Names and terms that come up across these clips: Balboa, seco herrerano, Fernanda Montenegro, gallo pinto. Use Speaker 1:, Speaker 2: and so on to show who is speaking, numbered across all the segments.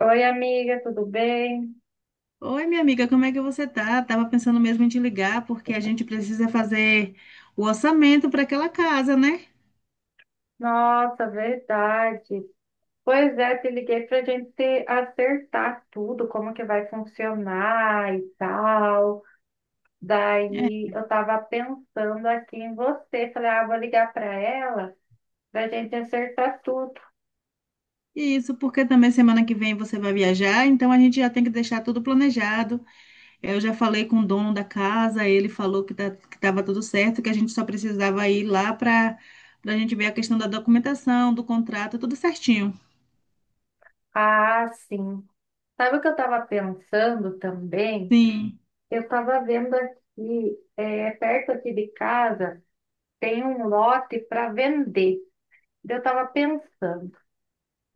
Speaker 1: Oi, amiga, tudo bem?
Speaker 2: Oi, minha amiga, como é que você tá? Tava pensando mesmo em te ligar, porque a gente precisa fazer o orçamento para aquela casa, né?
Speaker 1: Nossa, verdade. Pois é, te liguei para a gente se acertar tudo, como que vai funcionar e tal.
Speaker 2: É.
Speaker 1: Daí eu estava pensando aqui em você, falei, vou ligar para ela para a gente acertar tudo.
Speaker 2: Isso, porque também semana que vem você vai viajar, então a gente já tem que deixar tudo planejado. É, eu já falei com o dono da casa, ele falou que tá, que estava tudo certo, que a gente só precisava ir lá para a gente ver a questão da documentação, do contrato, tudo certinho.
Speaker 1: Ah, sim. Sabe o que eu estava pensando também?
Speaker 2: Sim.
Speaker 1: Eu estava vendo aqui, perto aqui de casa, tem um lote para vender. Eu estava pensando.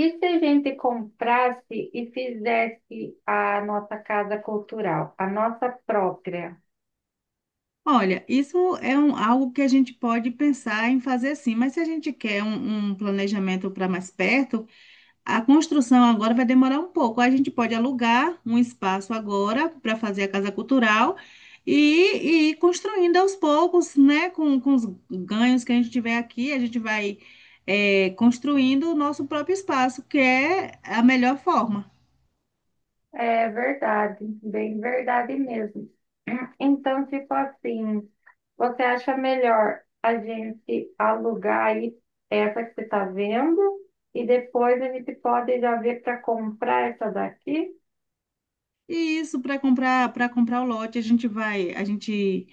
Speaker 1: E se a gente comprasse e fizesse a nossa casa cultural, a nossa própria?
Speaker 2: Olha, isso é algo que a gente pode pensar em fazer, sim, mas se a gente quer um planejamento para mais perto, a construção agora vai demorar um pouco. A gente pode alugar um espaço agora para fazer a casa cultural e, ir construindo aos poucos, né? Com os ganhos que a gente tiver aqui, a gente vai, construindo o nosso próprio espaço, que é a melhor forma.
Speaker 1: É verdade, bem verdade mesmo. Então, tipo assim, você acha melhor a gente alugar aí essa que você está vendo e depois a gente pode já ver para comprar essa daqui?
Speaker 2: E isso, para comprar o lote, a gente vai, a gente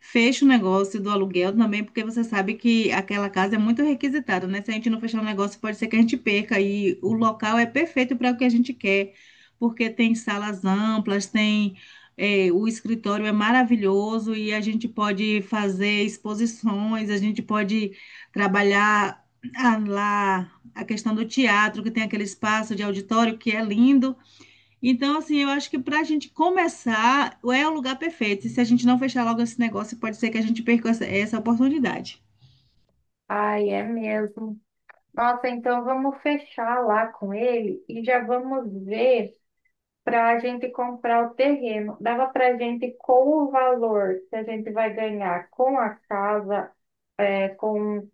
Speaker 2: fecha o negócio do aluguel também, porque você sabe que aquela casa é muito requisitada, né? Se a gente não fechar o negócio, pode ser que a gente perca. E o local é perfeito para o que a gente quer, porque tem salas amplas, tem o escritório é maravilhoso e a gente pode fazer exposições, a gente pode trabalhar, ah, lá a questão do teatro, que tem aquele espaço de auditório que é lindo. Então, assim, eu acho que para a gente começar é o lugar perfeito. E se a gente não fechar logo esse negócio, pode ser que a gente perca essa oportunidade.
Speaker 1: Ai, é mesmo. Nossa, então vamos fechar lá com ele e já vamos ver, para a gente comprar o terreno. Dava para a gente, com o valor que a gente vai ganhar com a casa, com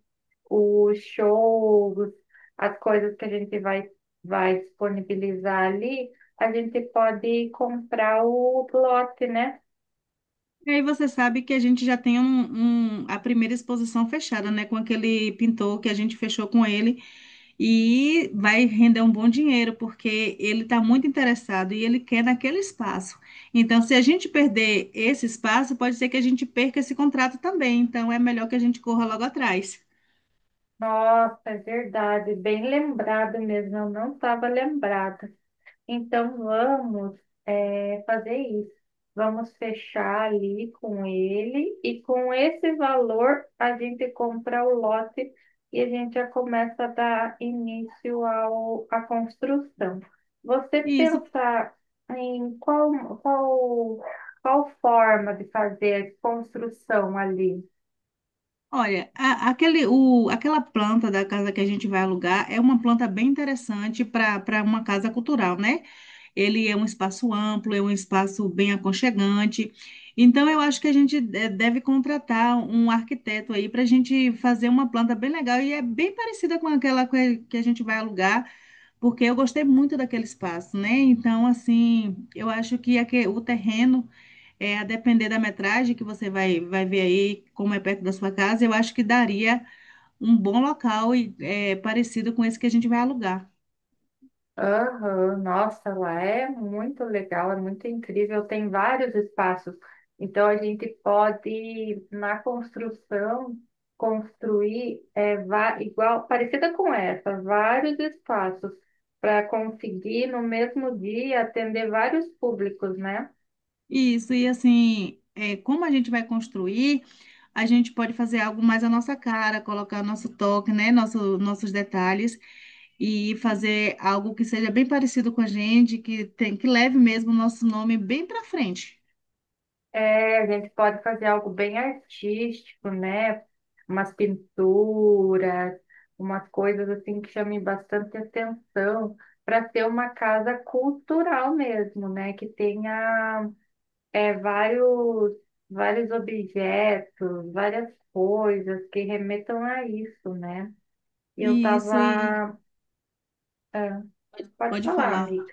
Speaker 1: os shows, as coisas que a gente vai disponibilizar ali, a gente pode comprar o lote, né?
Speaker 2: E aí você sabe que a gente já tem a primeira exposição fechada, né? Com aquele pintor que a gente fechou com ele. E vai render um bom dinheiro, porque ele está muito interessado e ele quer naquele espaço. Então, se a gente perder esse espaço, pode ser que a gente perca esse contrato também. Então, é melhor que a gente corra logo atrás.
Speaker 1: Nossa, é verdade, bem lembrado mesmo, eu não estava lembrada. Então vamos, fazer isso. Vamos fechar ali com ele e com esse valor a gente compra o lote e a gente já começa a dar início à construção. Você
Speaker 2: E isso.
Speaker 1: pensar em qual, qual forma de fazer a construção ali?
Speaker 2: Olha, aquela planta da casa que a gente vai alugar é uma planta bem interessante para uma casa cultural, né? Ele é um espaço amplo, é um espaço bem aconchegante. Então, eu acho que a gente deve contratar um arquiteto aí para a gente fazer uma planta bem legal e é bem parecida com aquela que a gente vai alugar, porque eu gostei muito daquele espaço, né? Então, assim, eu acho que o terreno, é, a depender da metragem que você vai ver aí, como é perto da sua casa, eu acho que daria um bom local e é parecido com esse que a gente vai alugar.
Speaker 1: Aham. Nossa, lá é muito legal, é muito incrível, tem vários espaços. Então a gente pode, na construção, construir, igual, parecida com essa, vários espaços para conseguir no mesmo dia atender vários públicos, né?
Speaker 2: Isso, e assim, é, como a gente vai construir, a gente pode fazer algo mais à nossa cara, colocar nosso toque, né? Nossos detalhes e fazer algo que seja bem parecido com a gente, que tem, que leve mesmo o nosso nome bem para frente.
Speaker 1: É, a gente pode fazer algo bem artístico, né? Umas pinturas, umas coisas assim que chamem bastante atenção, para ser uma casa cultural mesmo, né? Que tenha é, vários, vários objetos, várias coisas que remetam a isso, né? E eu
Speaker 2: E isso, e
Speaker 1: tava. Pode
Speaker 2: pode
Speaker 1: falar,
Speaker 2: falar.
Speaker 1: amiga.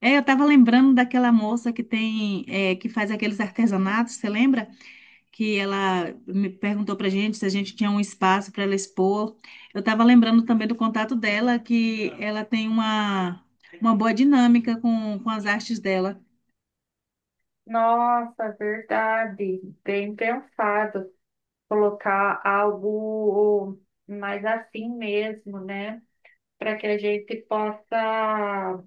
Speaker 2: É, eu estava lembrando daquela moça que tem, é, que faz aqueles artesanatos, você lembra? Que ela me perguntou pra gente se a gente tinha um espaço para ela expor. Eu estava lembrando também do contato dela, que ela tem uma boa dinâmica com as artes dela.
Speaker 1: Nossa, verdade. Bem pensado. Colocar algo mais assim mesmo, né? Para que a gente possa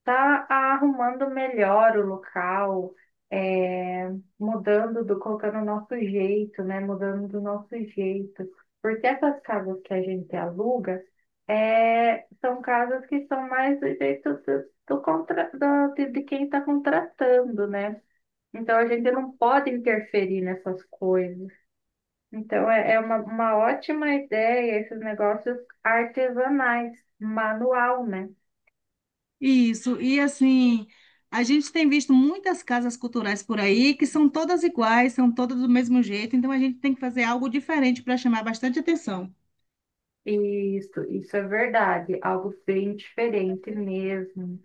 Speaker 1: estar arrumando melhor o local, é, mudando, colocando o nosso jeito, né? Mudando do nosso jeito. Porque essas casas que a gente aluga, são casas que são mais do jeito de quem está contratando, né? Então a gente não pode interferir nessas coisas. Então, é uma ótima ideia esses negócios artesanais, manual, né?
Speaker 2: Isso, e assim, a gente tem visto muitas casas culturais por aí que são todas iguais, são todas do mesmo jeito, então a gente tem que fazer algo diferente para chamar bastante atenção.
Speaker 1: Isso é verdade, algo bem diferente mesmo.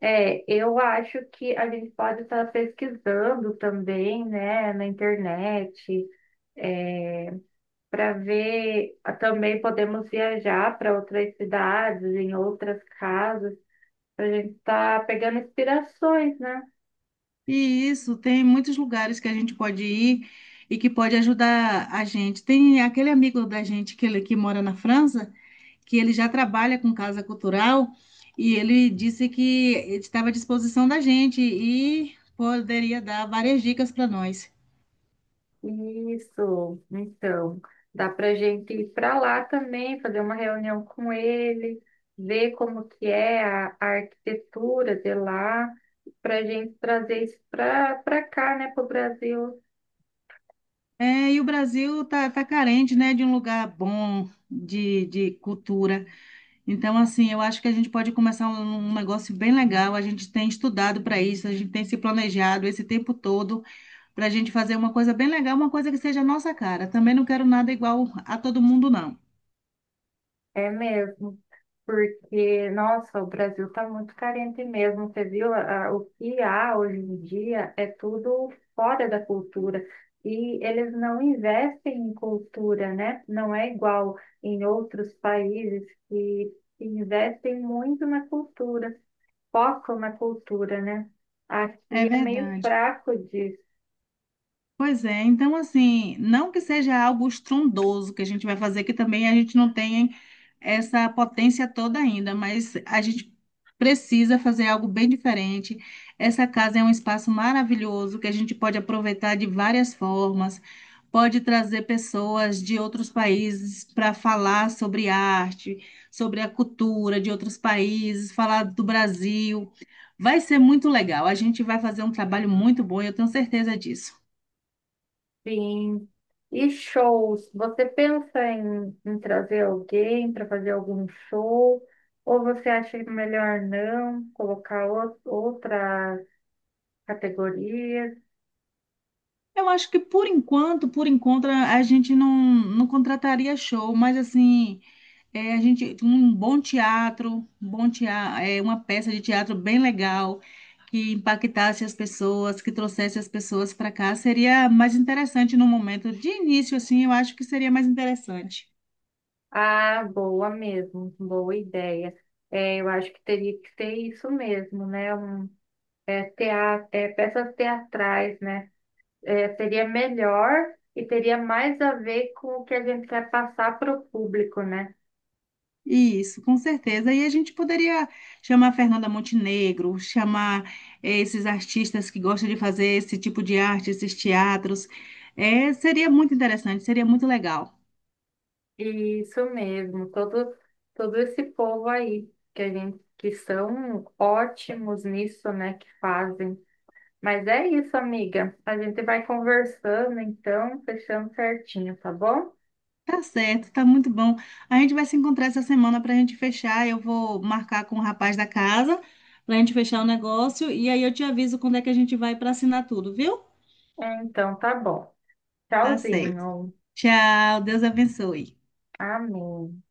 Speaker 1: É, eu acho que a gente pode estar pesquisando também, né, na internet, para ver. Também podemos viajar para outras cidades, em outras casas, para a gente estar pegando inspirações, né?
Speaker 2: E isso, tem muitos lugares que a gente pode ir e que pode ajudar a gente. Tem aquele amigo da gente que, que mora na França, que ele já trabalha com casa cultural e ele disse que estava à disposição da gente e poderia dar várias dicas para nós.
Speaker 1: Isso, então, dá para gente ir para lá também, fazer uma reunião com ele, ver como que é a arquitetura de lá, para gente trazer isso para cá, né, para o Brasil.
Speaker 2: É, e o Brasil tá carente, né, de um lugar bom de cultura. Então, assim, eu acho que a gente pode começar um negócio bem legal. A gente tem estudado para isso, a gente tem se planejado esse tempo todo, para a gente fazer uma coisa bem legal, uma coisa que seja a nossa cara. Também não quero nada igual a todo mundo, não.
Speaker 1: É mesmo. Porque, nossa, o Brasil está muito carente mesmo. Você viu o que há hoje em dia é tudo fora da cultura. E eles não investem em cultura, né? Não é igual em outros países que investem muito na cultura, focam na cultura, né?
Speaker 2: É
Speaker 1: Aqui é meio
Speaker 2: verdade.
Speaker 1: fraco disso.
Speaker 2: Pois é, então assim, não que seja algo estrondoso que a gente vai fazer, que também a gente não tem essa potência toda ainda, mas a gente precisa fazer algo bem diferente. Essa casa é um espaço maravilhoso que a gente pode aproveitar de várias formas, pode trazer pessoas de outros países para falar sobre arte, sobre a cultura de outros países, falar do Brasil. Vai ser muito legal, a gente vai fazer um trabalho muito bom, eu tenho certeza disso.
Speaker 1: Sim. E shows? Você pensa em, trazer alguém para fazer algum show? Ou você acha melhor não colocar outras categorias?
Speaker 2: Eu acho que por enquanto, a gente não contrataria show, mas assim, é, a gente um bom teatro, é, uma peça de teatro bem legal que impactasse as pessoas, que trouxesse as pessoas para cá, seria mais interessante no momento de início, assim, eu acho que seria mais interessante.
Speaker 1: Ah, boa mesmo, boa ideia. É, eu acho que teria que ser isso mesmo, né? Teatro, peças teatrais, né? É, seria melhor e teria mais a ver com o que a gente quer passar para o público, né?
Speaker 2: Isso, com certeza. E a gente poderia chamar Fernanda Montenegro, chamar esses artistas que gostam de fazer esse tipo de arte, esses teatros. Seria muito interessante, seria muito legal.
Speaker 1: Isso mesmo, todo esse povo aí que a gente que são ótimos nisso, né, que fazem. Mas é isso, amiga. A gente vai conversando, então, fechando certinho, tá bom?
Speaker 2: Tá certo, tá muito bom. A gente vai se encontrar essa semana para a gente fechar. Eu vou marcar com o rapaz da casa para a gente fechar o negócio. E aí eu te aviso quando é que a gente vai para assinar tudo, viu?
Speaker 1: É, então, tá bom.
Speaker 2: Tá certo.
Speaker 1: Tchauzinho.
Speaker 2: Tchau, Deus abençoe.
Speaker 1: Amém.